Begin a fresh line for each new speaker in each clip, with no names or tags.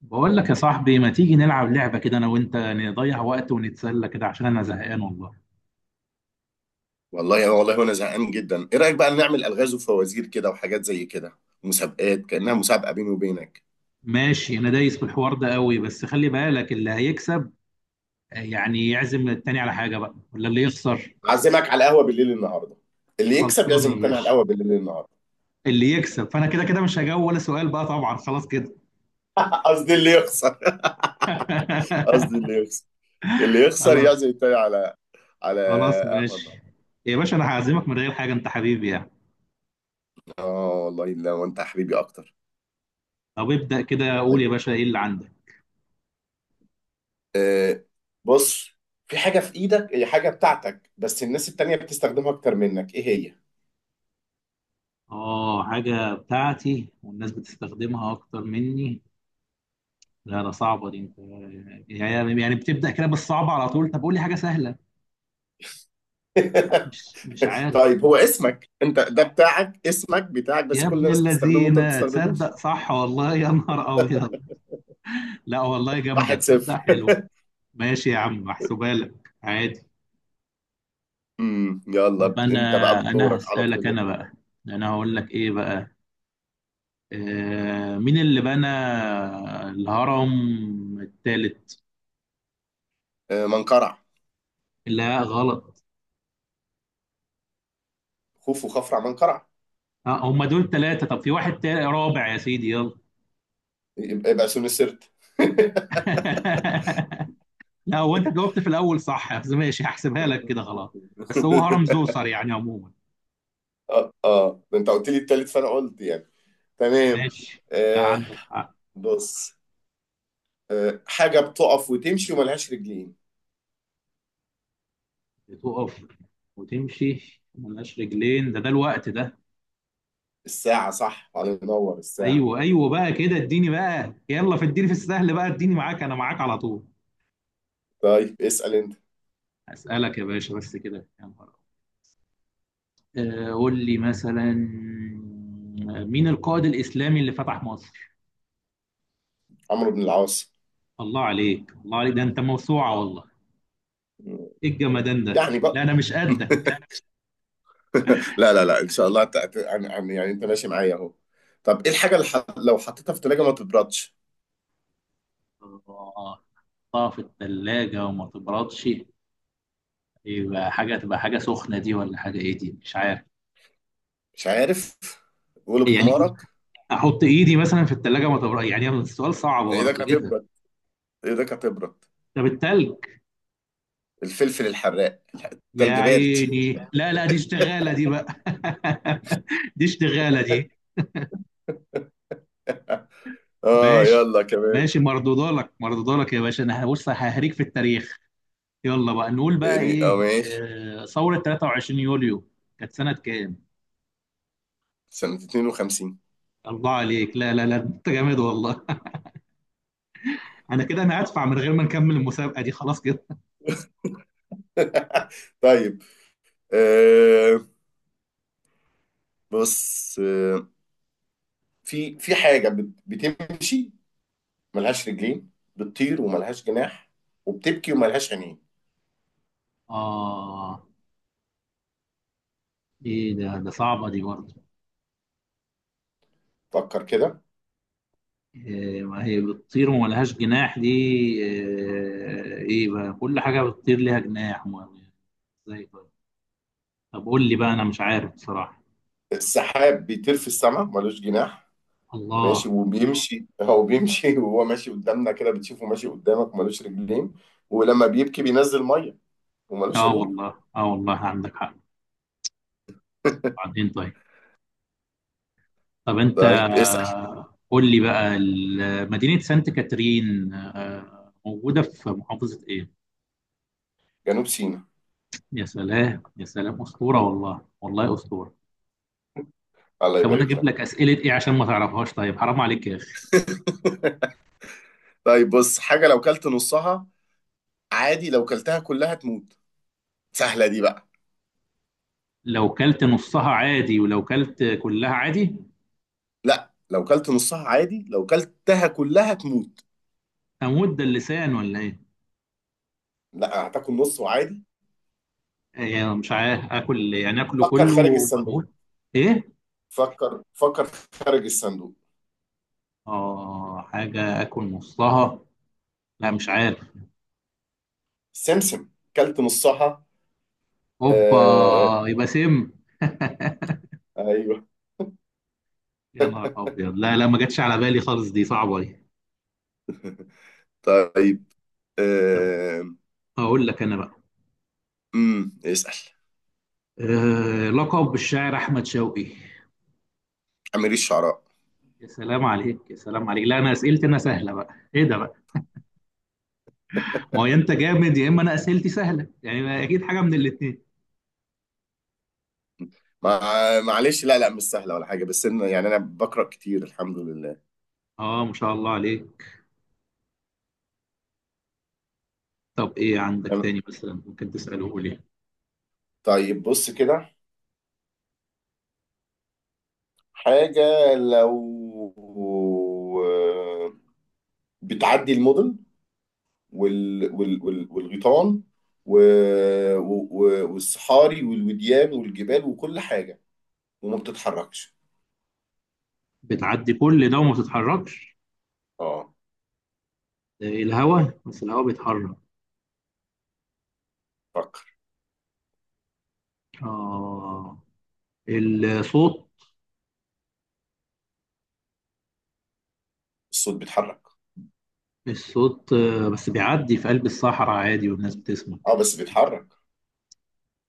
بقول لك يا صاحبي ما تيجي نلعب لعبة كده أنا وأنت نضيع وقت ونتسلى كده عشان أنا زهقان والله.
والله والله وانا زهقان جدا، ايه رايك بقى نعمل الغاز وفوازير كده وحاجات زي كده، مسابقات كانها مسابقه بيني وبينك.
ماشي أنا دايس في الحوار ده قوي، بس خلي بالك اللي هيكسب يعني يعزم التاني على حاجة بقى ولا اللي يخسر؟
اعزمك على القهوه بالليل النهارده. اللي يكسب يعزم
خلصانة يا
التاني على
باشا.
القهوه بالليل النهارده.
اللي يكسب، فأنا كده كده مش هجاوب ولا سؤال بقى طبعا، خلاص كده.
قصدي اللي يخسر. قصدي اللي يخسر، اللي يخسر
خلاص
يعزم التاني على على
خلاص
قهوه النهارده.
ماشي. يا باشا أنا هعزمك من غير حاجة، أنت حبيبي يعني.
اه والله، لا وانت حبيبي اكتر.
طب ابدأ كده، قول
طيب.
يا باشا إيه اللي عندك؟
آه بص، في حاجه في ايدك، هي حاجه بتاعتك بس الناس التانيه بتستخدمها اكتر منك، ايه
آه، حاجة بتاعتي والناس بتستخدمها أكتر مني. لا ده صعبة دي انت. يعني يعني بتبدأ كده بالصعب على طول، طب قول لي حاجة سهلة.
هي؟
لا، مش مش عارف.
طيب، هو اسمك انت ده بتاعك، اسمك بتاعك بس
يا
كل
ابن
الناس بتستخدمه وانت ما
الذين
بتستخدموش.
تصدق، صح والله، يا نهار أبيض. لا والله جامدة،
واحد
تصدق
صفر.
حلو. ماشي يا عم، محسوبة لك عادي. طب
يلا
أنا
انت بقى
أنا
دورك على
هسألك
طول.
أنا بقى. أنا هقول لك إيه بقى. آه، مين اللي بنى الهرم التالت؟
آه، منقرع.
لا، غلط.
خوف وخفرع منقرع.
آه هم دول ثلاثة، طب في واحد تالت رابع يا سيدي، يلا.
يبقى سون السرت.
لا هو انت جاوبت في الاول صح، بس ماشي هحسبها لك كده خلاص. بس هو هرم زوسر يعني عموما.
اه اه، ده انت قلت لي التالت فانا قلت يعني. تمام.
ماشي. لا
آه
عندك حق.
بص، حاجه بتقف وتمشي وملهاش رجلين.
بتقف وتمشي ملهاش رجلين؟ ده الوقت ده.
الساعه، صح، الله ينور، الساعه.
ايوه بقى كده، اديني بقى يلا، في اديني في السهل بقى، اديني معاك انا معاك على طول.
طيب اسال انت.
اسالك يا باشا، بس كده، يا نهار أبيض. قول لي مثلا، مين القائد الاسلامي اللي فتح مصر؟
عمرو بن العاص.
الله عليك، الله عليك، ده انت موسوعه والله. ايه الجمدان ده؟
يعني بقى.
لا انا مش قدك.
لا لا لا، ان شاء الله يعني انت ماشي معايا اهو. طب ايه الحاجه اللي لو حطيتها في التلاجة ما تبردش؟
الله. تحطها في الثلاجة وما تبردش؟ يبقى حاجة، تبقى حاجة سخنة دي، ولا حاجة ايه دي مش عارف.
مش عارف. قول
يعني
بحمارك.
احط ايدي مثلا في الثلاجة ما تبردش؟ يعني السؤال صعب
ايدك
برضه، ايه ده؟
هتبرد، ايدك هتبرد.
طب التلج.
الفلفل الحراق.
يا
تلج بارد.
عيني، لا دي اشتغالة دي بقى. دي اشتغالة دي.
اه
ماشي.
يلا كمان.
مردودة لك، مردودة لك يا باشا، انا بص ههريك في التاريخ. يلا بقى نقول بقى
يعني اه
ايه،
ماشي.
ثورة 23 يوليو كانت سنة كام؟
سنة 52.
الله عليك، لا انت جامد والله. انا كده انا هدفع من غير ما نكمل المسابقه دي، خلاص كده.
طيب. آه بص، في حاجة بتمشي، ملهاش رجلين، بتطير وملهاش جناح، وبتبكي وملهاش عينين.
اه، ايه ده؟ صعبه دي برضه.
فكر كده.
إيه، ما هي بتطير وما لهاش جناح، دي إيه؟ ايه بقى كل حاجه بتطير ليها جناح، ازاي؟ طيب، طب قول لي بقى انا مش عارف بصراحه.
السحاب بيطير في السماء ملوش جناح. ماشي
الله.
وبيمشي، هو بيمشي وهو ماشي قدامنا كده، بتشوفه ماشي قدامك ملوش رجلين، ولما بيبكي بينزل ميه، وملوش
اه
عينين.
والله، اه والله عندك حق. بعدين طيب. طب انت،
طيب اسأل.
قول لي بقى مدينه سانت كاترين موجوده في محافظه ايه؟
جنوب سيناء.
يا سلام يا سلام، اسطوره والله، والله اسطوره.
الله
طب انا
يبارك
اجيب
لك.
لك اسئله ايه عشان ما تعرفهاش؟ طيب حرام عليك يا اخي.
طيب بص، حاجة لو كلت نصها عادي، لو كلتها كلها تموت. سهلة دي بقى.
لو كلت نصها عادي ولو كلت كلها عادي؟
لا، لو كلت نصها عادي، لو كلتها كلها تموت.
اموت، ده اللسان ولا ايه؟
لا هتاكل نص وعادي.
إيه مش عارف، اكل يعني اكله
فكر
كله
خارج الصندوق.
واموت؟ ايه؟
فكر فكر خارج الصندوق.
اه حاجه اكل نصها، لا مش عارف.
سمسم، كلت نصها.
اوبا،
آه.
يبقى سم.
ايوه.
يا نهار ابيض، لا ما جاتش على بالي خالص، دي صعبه دي. طب،
طيب.
طب
آه
هقول لك انا بقى.
اسأل.
أه، لقب الشاعر احمد شوقي.
أمير الشعراء.
يا سلام عليك، يا سلام عليك. لا انا اسئلتي انا سهله بقى، ايه ده بقى؟ ما هو يا انت جامد، يا اما انا اسئلتي سهله، يعني ما اكيد حاجه من الاثنين.
مع، معلش. لا لا مش سهلة ولا حاجة، بس إن يعني أنا بقرأ كتير، الحمد لله.
اه ما شاء الله عليك. طب ايه عندك
تمام.
تاني مثلا ممكن تساله لي؟
طيب بص كده، حاجة لو آه، بتعدي المدن والغيطان، و... والصحاري والوديان والجبال وكل حاجة، وما بتتحركش.
بتعدي كل ده وما بتتحركش؟
اه،
آه، الهواء، بس الهواء بيتحرك.
فكر.
اه، الصوت.
الصوت بيتحرك.
الصوت بس بيعدي في قلب الصحراء عادي والناس بتسمع.
اه بس بيتحرك.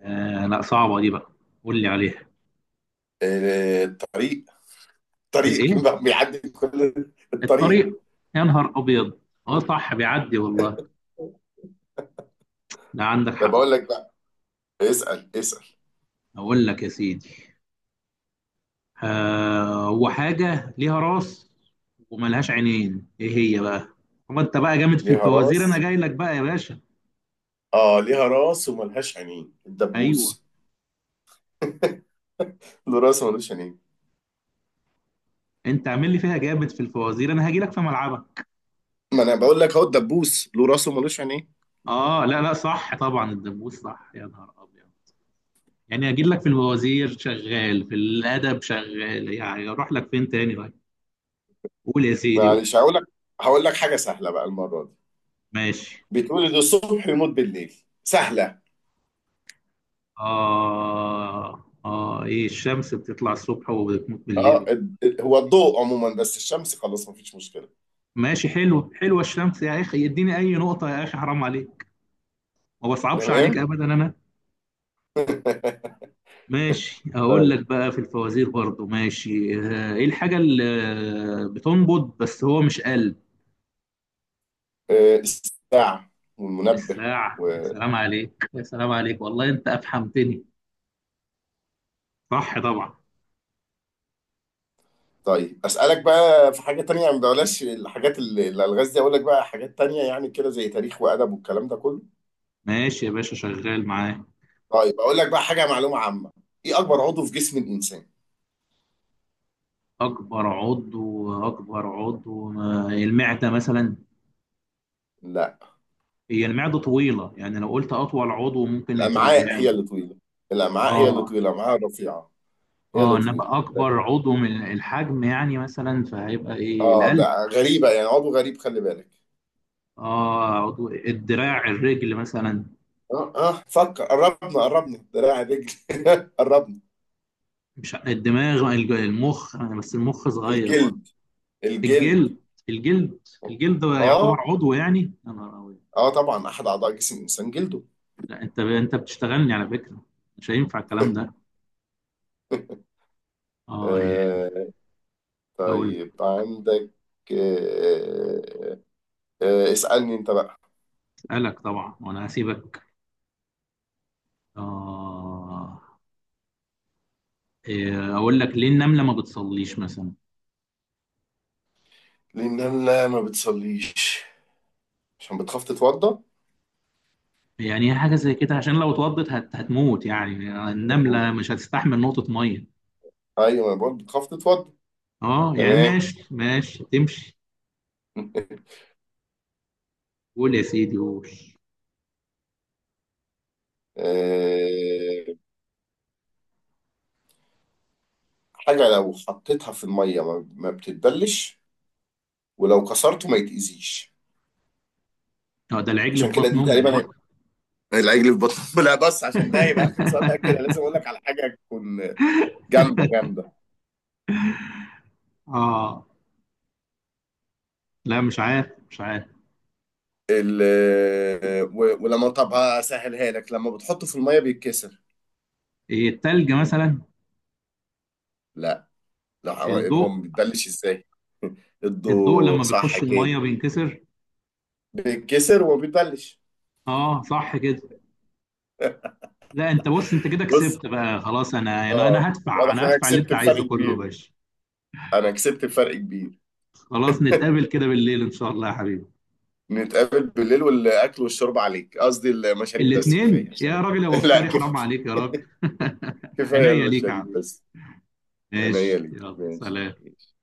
آه لا، صعبه دي بقى، قول لي عليها.
آه، الطريق. طريق
الايه؟
بيعدي كل. الطريق.
الطريق. يا نهار ابيض، اه صح بيعدي والله. لا عندك
طب
حق.
اقول لك بقى. اسال اسال.
اقول لك يا سيدي. آه، وحاجة ليها راس وملهاش عينين، ايه هي بقى؟ هو انت بقى جامد في
ليها
الفوازير، انا
راس.
جاي لك بقى يا باشا.
اه ليها راس وملهاش عينين،
ايوه.
الدبوس. له راس وملوش عينين.
انت عامل لي فيها جامد في الفوازير، انا هاجي لك في ملعبك.
ما انا بقول لك اهو، الدبوس له راس وملوش عينين.
اه لا صح طبعا، الدبوس، صح، يا نهار ابيض. يعني هاجي لك في الفوازير شغال، في الادب شغال، يعني اروح لك فين تاني بقى؟ قول يا سيدي قول.
معلش هقول لك، حاجه سهله بقى المره دي.
ماشي.
بيتولد الصبح ويموت بالليل، سهله.
اه اه، ايه الشمس بتطلع الصبح وبتموت
اه
بالليل.
هو الضوء عموما، بس الشمس خلاص مفيش مشكله.
ماشي حلو، حلوه الشمس يا اخي، يديني اي نقطه يا اخي، حرام عليك، ما بصعبش عليك
تمام.
ابدا انا. ماشي اقول
طيب،
لك بقى في الفوازير برضو، ماشي، ايه الحاجه اللي بتنبض بس هو مش قلب؟
آه، الساعه والمنبه.
الساعه، يا سلام عليك، يا سلام عليك، والله انت افهمتني، صح طبعا.
طيب اسالك بقى في حاجه تانية، ما بلاش الحاجات الالغاز دي، اقول لك بقى حاجات تانية يعني كده زي تاريخ وادب والكلام ده كله.
ماشي يا باشا، شغال معاه.
طيب اقول لك بقى حاجه معلومه عامه، ايه اكبر عضو في جسم الانسان؟
اكبر عضو المعده مثلا.
لا.
هي المعده طويله، يعني لو قلت اطول عضو ممكن تبقى
الامعاء هي
المعده.
اللي طويله، الامعاء هي اللي
اه
طويله، الامعاء الرفيعه هي
اه،
اللي
ان
طويله
ابقى
ده.
اكبر عضو من الحجم يعني مثلا، فهيبقى ايه،
اه،
القلب.
ده غريبه يعني، عضو غريب، خلي بالك.
اه، عضو، الدراع، الرجل مثلا.
اه اه، فكر، قربنا قربنا، دراع رجل قربنا.
مش الدماغ، المخ، بس المخ صغير برضه.
الجلد. الجلد.
الجلد. الجلد. الجلد؟
اه،
يعتبر عضو يعني؟ يا نهار أبيض.
اه طبعا احد اعضاء جسم الانسان جلده.
لا انت بتشتغلني على فكره، مش هينفع الكلام ده. اه يعني.
آه،
اقول لك.
طيب عندك. آه، آه، اسألني انت بقى.
اسالك طبعا وانا هسيبك. اه. إيه، اقول لك ليه النمله ما بتصليش مثلا؟
لان انا لا ما بتصليش، عشان بتخاف تتوضى.
يعني هي حاجة زي كده، عشان لو اتوضت هتموت يعني،
بتموت.
النملة مش هتستحمل نقطة مية.
ايوه، ما بقول بتخاف تتوضى.
اه يعني
تمام.
ماشي، تمشي. قول يا سيدي قول.
آه، حاجة لو حطيتها في المية ما بتتبلش، ولو كسرته ما يتأذيش.
اه، ده العجل في
عشان كده
بطن
دي
امه
تقريبا.
بقى.
العجل في بطن لا، بس عشان ده يبقى اخر سؤال ده، كده لازم اقول لك على حاجة تكون جامدة جامدة.
اه لا، مش عارف.
ال آه، ولما، طب هسهلها لك، لما بتحطه في المية بيتكسر.
إيه، التلج مثلا.
لا. لا
الضوء.
هو بيتبلش ازاي؟
الضوء
ادوا
لما
صح
بيخش
كده.
المية بينكسر.
بيتكسر وما بيتبلش.
اه صح كده. لا انت بص، انت كده
بص،
كسبت بقى خلاص، انا انا
اه
انا هدفع،
واضح ان انا
هدفع اللي
كسبت
انت
بفرق
عايزه كله يا
كبير،
باشا.
انا كسبت بفرق كبير.
خلاص نتقابل كده بالليل ان شاء الله يا حبيبي.
نتقابل بالليل، والاكل والشرب عليك، قصدي المشاريب بس كفايه
الاثنين يا
عشان.
راجل، يا
لا
مفتري، حرام
كفايه،
عليك يا راجل.
كفايه
عينيا ليك يا
المشاريب
عم.
بس. انا هي
ماشي
ليك.
يلا
ماشي
سلام.
ماشي.